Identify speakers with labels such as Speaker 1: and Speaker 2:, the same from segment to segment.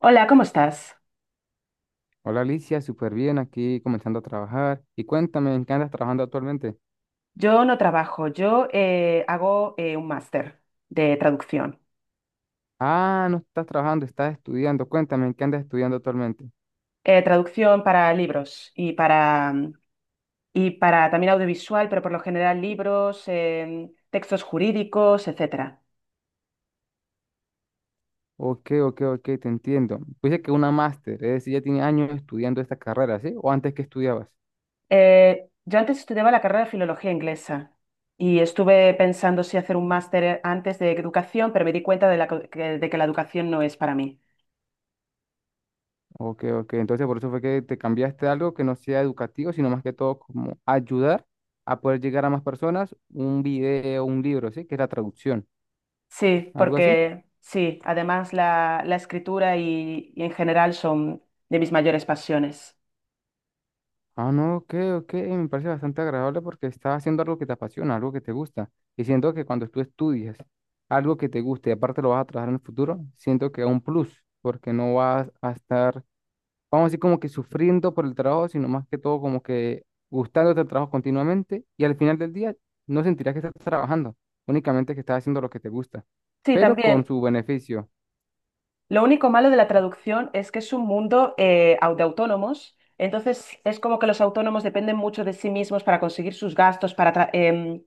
Speaker 1: Hola, ¿cómo estás?
Speaker 2: Hola Alicia, súper bien aquí comenzando a trabajar. Y cuéntame, ¿en qué andas trabajando actualmente?
Speaker 1: Yo no trabajo, yo hago un máster de traducción.
Speaker 2: Ah, no estás trabajando, estás estudiando. Cuéntame, ¿en qué andas estudiando actualmente?
Speaker 1: Traducción para libros y para, y para también audiovisual, pero por lo general libros, textos jurídicos, etcétera.
Speaker 2: Ok, ok, ok, te entiendo. Pues Dice que una máster, es decir, ya tiene años estudiando esta carrera, ¿sí? ¿O antes que estudiabas?
Speaker 1: Yo antes estudiaba la carrera de filología inglesa y estuve pensando si hacer un máster antes de educación, pero me di cuenta de, que de que la educación no es para mí.
Speaker 2: Ok, ok, entonces por eso fue que te cambiaste a algo que no sea educativo, sino más que todo como ayudar a poder llegar a más personas, un video, un libro, ¿sí? Que es la traducción,
Speaker 1: Sí,
Speaker 2: algo así.
Speaker 1: porque sí, además la escritura y en general son de mis mayores pasiones.
Speaker 2: Ah, no, ok, ok, me parece bastante agradable porque estás haciendo algo que te apasiona, algo que te gusta. Y siento que cuando tú estudias algo que te guste y aparte lo vas a trabajar en el futuro, siento que es un plus, porque no vas a estar, vamos a decir, como que sufriendo por el trabajo, sino más que todo como que gustándote el trabajo continuamente y al final del día no sentirás que estás trabajando, únicamente que estás haciendo lo que te gusta,
Speaker 1: Sí,
Speaker 2: pero con
Speaker 1: también.
Speaker 2: su beneficio.
Speaker 1: Lo único malo de la traducción es que es un mundo de autónomos, entonces es como que los autónomos dependen mucho de sí mismos para conseguir sus gastos,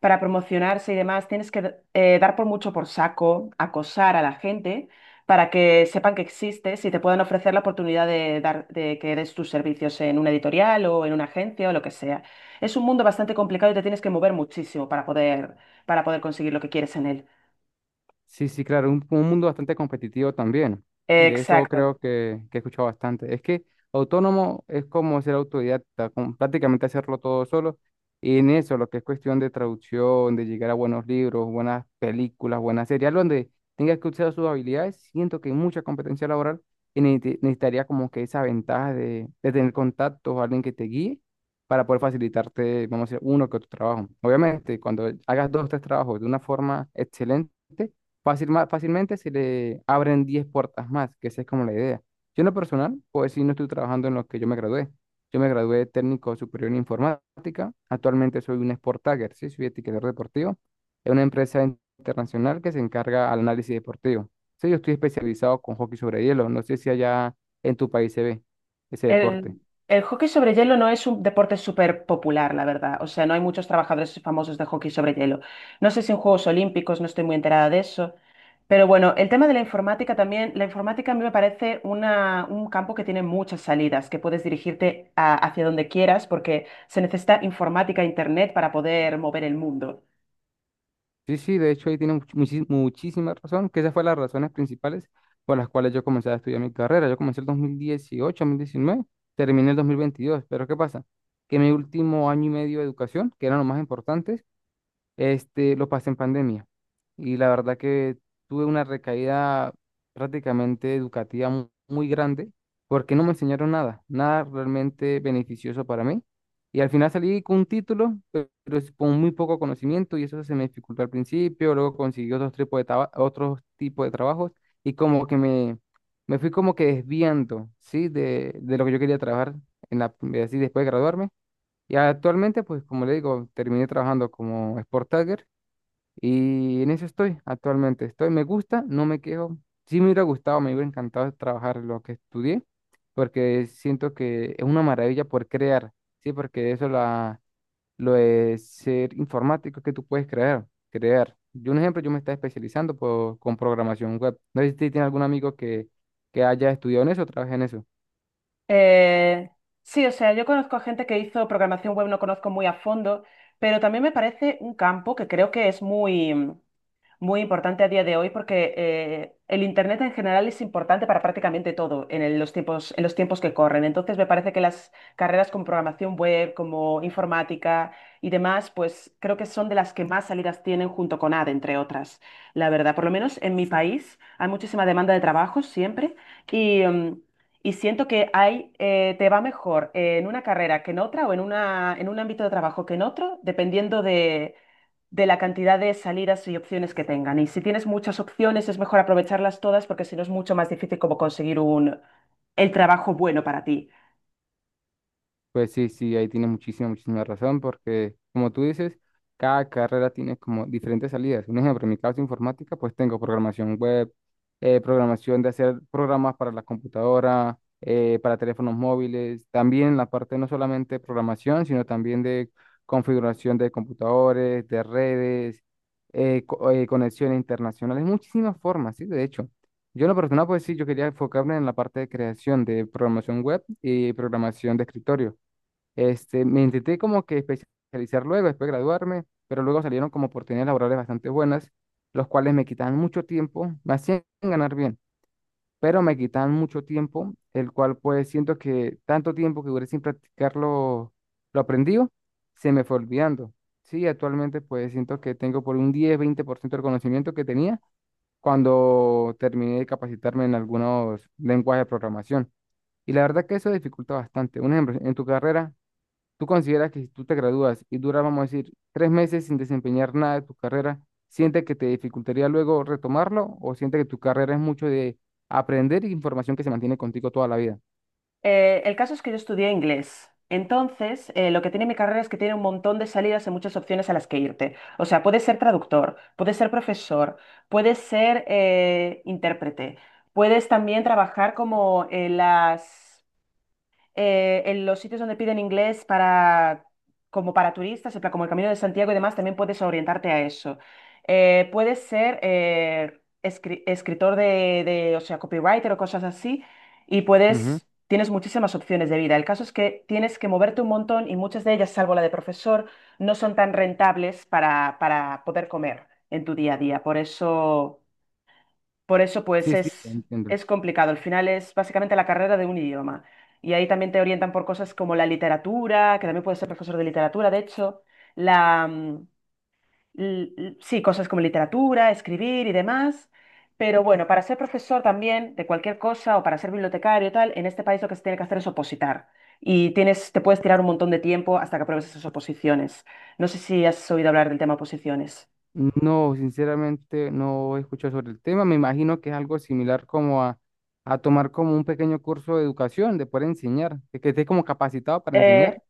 Speaker 1: para promocionarse y demás. Tienes que dar por mucho por saco, acosar a la gente para que sepan que existes y te puedan ofrecer la oportunidad de dar, de que des tus servicios en una editorial o en una agencia o lo que sea. Es un mundo bastante complicado y te tienes que mover muchísimo para para poder conseguir lo que quieres en él.
Speaker 2: Sí, sí, claro, un mundo bastante competitivo también. De eso
Speaker 1: Exacto.
Speaker 2: creo que he escuchado bastante. Es que autónomo es como ser autodidacta, como prácticamente hacerlo todo solo. Y en eso, lo que es cuestión de traducción, de llegar a buenos libros, buenas películas, buenas series, algo donde tengas que usar sus habilidades, siento que hay mucha competencia laboral y necesitaría como que esa ventaja de tener contactos o alguien que te guíe para poder facilitarte, vamos a decir, uno que otro trabajo. Obviamente, cuando hagas dos o tres trabajos de una forma excelente, fácilmente se le abren 10 puertas más, que esa es como la idea. Yo en lo personal, pues sí, no estoy trabajando en lo que yo me gradué. Yo me gradué de técnico superior en informática. Actualmente soy un sport tagger, sí, soy etiquetador deportivo. Es una empresa internacional que se encarga al análisis deportivo. Sí, yo estoy especializado con hockey sobre hielo. No sé si allá en tu país se ve ese deporte.
Speaker 1: El, el hockey sobre hielo no es un deporte súper popular, la verdad. O sea, no hay muchos trabajadores famosos de hockey sobre hielo. No sé si en Juegos Olímpicos, no estoy muy enterada de eso. Pero bueno, el tema de la informática también, la informática a mí me parece un campo que tiene muchas salidas, que puedes dirigirte hacia donde quieras porque se necesita informática e internet para poder mover el mundo.
Speaker 2: Sí, sí, de hecho ahí tiene muchísima razón, que esas fueron las razones principales por las cuales yo comencé a estudiar mi carrera. Yo comencé el 2018, 2019, terminé el 2022. Pero ¿qué pasa? Que mi último año y medio de educación, que eran los más importantes, este, lo pasé en pandemia y la verdad que tuve una recaída prácticamente educativa muy, grande porque no me enseñaron nada, nada realmente beneficioso para mí. Y al final salí con un título, pero es con muy poco conocimiento y eso se me dificultó al principio, luego conseguí otros tipos de otros tipos de trabajos y como que me fui como que desviando, ¿sí? De lo que yo quería trabajar en la, así después de graduarme. Y actualmente, pues como le digo, terminé trabajando como Sport Tagger y en eso estoy actualmente. Estoy, me gusta, no me quejo. Sí me hubiera gustado, me hubiera encantado trabajar lo que estudié, porque siento que es una maravilla por crear, sí, porque eso la, lo de ser informático que tú puedes crear, crear. Yo, un ejemplo, yo me estaba especializando por, con programación web. No sé si tiene algún amigo que haya estudiado en eso o trabaje en eso.
Speaker 1: Eh, sí, o sea, yo conozco a gente que hizo programación web, no conozco muy a fondo, pero también me parece un campo que creo que es muy muy importante a día de hoy porque el Internet en general es importante para prácticamente todo en los tiempos, en los tiempos que corren. Entonces, me parece que las carreras con programación web, como informática y demás, pues creo que son de las que más salidas tienen junto con AD, entre otras. La verdad, por lo menos en mi país hay muchísima demanda de trabajo siempre y, mm, y siento que te va mejor en una carrera que en otra o en en un ámbito de trabajo que en otro, dependiendo de la cantidad de salidas y opciones que tengan. Y si tienes muchas opciones, es mejor aprovecharlas todas porque si no es mucho más difícil como conseguir el trabajo bueno para ti.
Speaker 2: Pues sí, sí, ahí tiene muchísima, muchísima razón, porque como tú dices, cada carrera tiene como diferentes salidas. Un ejemplo, en mi caso informática, pues tengo programación web, programación de hacer programas para la computadora, para teléfonos móviles, también la parte no solamente de programación, sino también de configuración de computadores, de redes, conexiones internacionales, muchísimas formas, sí, de hecho. Yo en lo personal, pues sí, yo quería enfocarme en la parte de creación de programación web y programación de escritorio este, me intenté como que especializar luego, después de graduarme, pero luego salieron como oportunidades laborales bastante buenas, los cuales me quitaban mucho tiempo, me hacían ganar bien, pero me quitaban mucho tiempo, el cual pues siento que tanto tiempo que duré sin practicar lo aprendido, se me fue olvidando. Sí, actualmente pues siento que tengo por un 10-20% del conocimiento que tenía cuando terminé de capacitarme en algunos lenguajes de programación. Y la verdad que eso dificulta bastante. Un ejemplo, en tu carrera, ¿tú consideras que si tú te gradúas y duras, vamos a decir, 3 meses sin desempeñar nada de tu carrera, sientes que te dificultaría luego retomarlo o sientes que tu carrera es mucho de aprender y información que se mantiene contigo toda la vida?
Speaker 1: El caso es que yo estudié inglés. Entonces, lo que tiene mi carrera es que tiene un montón de salidas y muchas opciones a las que irte. O sea, puedes ser traductor, puedes ser profesor, puedes ser intérprete, puedes también trabajar como en las en los sitios donde piden inglés para como para turistas, en plan, como el Camino de Santiago y demás, también puedes orientarte a eso. Puedes ser escritor o sea, copywriter o cosas así, y
Speaker 2: Ujú.
Speaker 1: puedes, tienes muchísimas opciones de vida. El caso es que tienes que moverte un montón y muchas de ellas, salvo la de profesor, no son tan rentables para poder comer en tu día a día. Por eso por eso, pues
Speaker 2: Sí, sí,
Speaker 1: es,
Speaker 2: entiendo.
Speaker 1: es complicado. Al final es básicamente la carrera de un idioma. Y ahí también te orientan por cosas como la literatura, que también puedes ser profesor de literatura, de hecho, la, mm, l- l- sí, cosas como literatura, escribir y demás. Pero bueno, para ser profesor también de cualquier cosa o para ser bibliotecario y tal, en este país lo que se tiene que hacer es opositar. Y te puedes tirar un montón de tiempo hasta que apruebes esas oposiciones. No sé si has oído hablar del tema oposiciones.
Speaker 2: No, sinceramente no he escuchado sobre el tema. Me imagino que es algo similar como a tomar como un pequeño curso de educación, de poder enseñar, de que estés como capacitado para enseñar.
Speaker 1: Eh,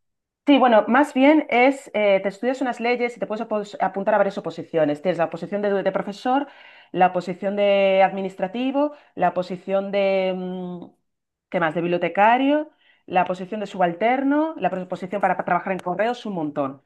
Speaker 1: Sí, bueno, más bien es, te estudias unas leyes y te puedes apuntar a varias oposiciones. Tienes la oposición de profesor, la posición de administrativo, la posición de, ¿qué más? De bibliotecario, la posición de subalterno, la posición para trabajar en correos, un montón.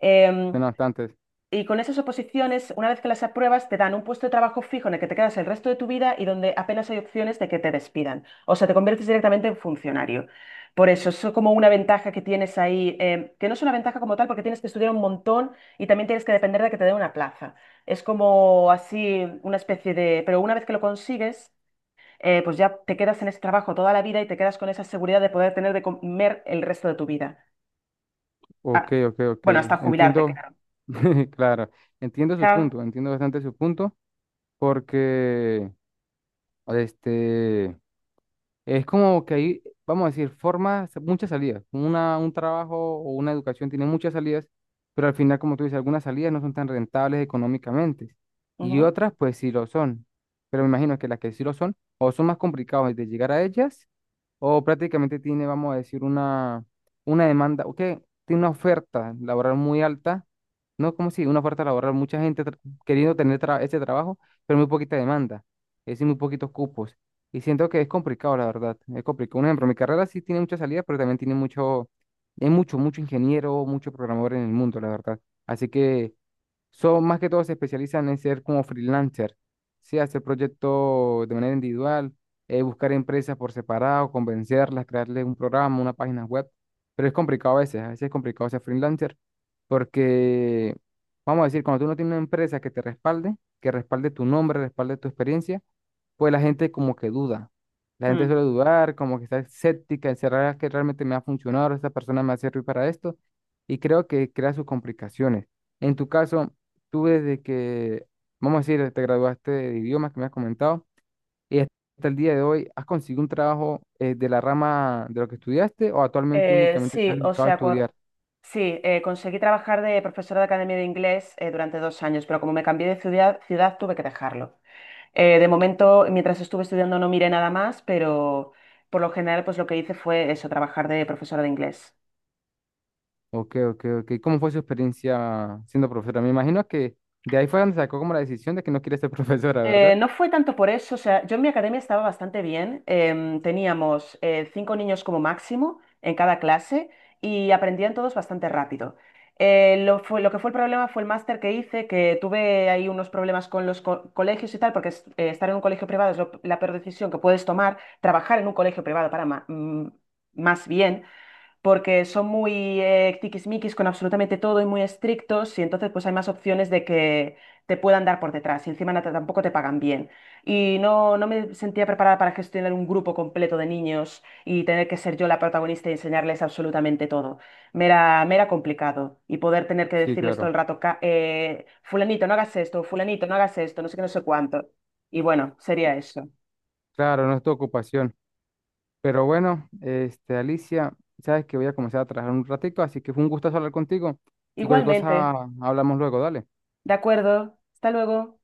Speaker 1: Em,
Speaker 2: Suena bastante
Speaker 1: y con esas oposiciones, una vez que las apruebas, te dan un puesto de trabajo fijo en el que te quedas el resto de tu vida y donde apenas hay opciones de que te despidan. O sea, te conviertes directamente en funcionario. Por eso, eso es como una ventaja que tienes ahí, que no es una ventaja como tal porque tienes que estudiar un montón y también tienes que depender de que te den una plaza. Es como así una especie de Pero una vez que lo consigues, pues ya te quedas en ese trabajo toda la vida y te quedas con esa seguridad de poder tener de comer el resto de tu vida.
Speaker 2: Ok,
Speaker 1: Ah,
Speaker 2: ok, ok.
Speaker 1: bueno, hasta jubilarte,
Speaker 2: Entiendo,
Speaker 1: claro.
Speaker 2: claro, entiendo su
Speaker 1: Chao.
Speaker 2: punto, entiendo bastante su punto, porque este es como que hay, vamos a decir, formas, muchas salidas. Una, un trabajo o una educación tiene muchas salidas, pero al final, como tú dices, algunas salidas no son tan rentables económicamente. Y
Speaker 1: Ujú.
Speaker 2: otras, pues sí lo son. Pero me imagino que las que sí lo son, o son más complicadas de llegar a ellas, o prácticamente tiene, vamos a decir, una demanda, o que tiene una oferta laboral muy alta, no como si una oferta laboral, mucha gente queriendo tener ese trabajo, pero muy poquita demanda, es decir, muy poquitos cupos. Y siento que es complicado, la verdad, es complicado. Un ejemplo, mi carrera sí tiene mucha salida, pero también tiene mucho, hay mucho, mucho ingeniero, mucho programador en el mundo, la verdad. Así que son más que todo se especializan en ser como freelancer, ¿sí? Hacer proyectos de manera individual, buscar empresas por separado, convencerlas, crearles un programa, una página web. Pero es complicado a veces es complicado ser freelancer porque, vamos a decir, cuando tú no tienes una empresa que te respalde, que respalde tu nombre, respalde tu experiencia, pues la gente como que duda. La gente
Speaker 1: Mm.
Speaker 2: suele dudar, como que está escéptica, encerrada, que realmente me va a funcionar, esta persona me va a servir para esto, y creo que crea sus complicaciones. En tu caso, tú desde que, vamos a decir, te graduaste de idiomas que me has comentado, y hasta el día de hoy, ¿has conseguido un trabajo de la rama de lo que estudiaste o actualmente únicamente estás
Speaker 1: Sí, o
Speaker 2: dedicado a
Speaker 1: sea,
Speaker 2: estudiar?
Speaker 1: sí, conseguí trabajar de profesora de academia de inglés durante dos años, pero como me cambié de ciudad, ciudad tuve que dejarlo. De momento, mientras estuve estudiando no miré nada más, pero por lo general, pues lo que hice fue eso, trabajar de profesora de inglés.
Speaker 2: Ok, ok, ok. ¿Cómo fue su experiencia siendo profesora? Me imagino que de ahí fue donde sacó como la decisión de que no quiere ser profesora, ¿verdad?
Speaker 1: No fue tanto por eso, o sea, yo en mi academia estaba bastante bien. Teníamos cinco niños como máximo en cada clase y aprendían todos bastante rápido. Lo que fue el problema fue el máster que hice, que tuve ahí unos problemas con colegios y tal, porque estar en un colegio privado es la peor decisión que puedes tomar, trabajar en un colegio privado más bien porque son muy tiquismiquis con absolutamente todo y muy estrictos y entonces pues hay más opciones de que te puedan dar por detrás y encima tampoco te pagan bien. Y no, no me sentía preparada para gestionar un grupo completo de niños y tener que ser yo la protagonista y enseñarles absolutamente todo. Me era complicado y poder tener que
Speaker 2: Sí,
Speaker 1: decirles todo
Speaker 2: claro.
Speaker 1: el rato: Fulanito, no hagas esto, fulanito, no hagas esto, no sé qué, no sé cuánto". Y bueno, sería eso.
Speaker 2: Claro, no es tu ocupación. Pero bueno, este, Alicia, sabes que voy a comenzar a trabajar un ratico, así que fue un gustazo hablar contigo y cualquier cosa
Speaker 1: Igualmente,
Speaker 2: hablamos luego, dale.
Speaker 1: de acuerdo, hasta luego.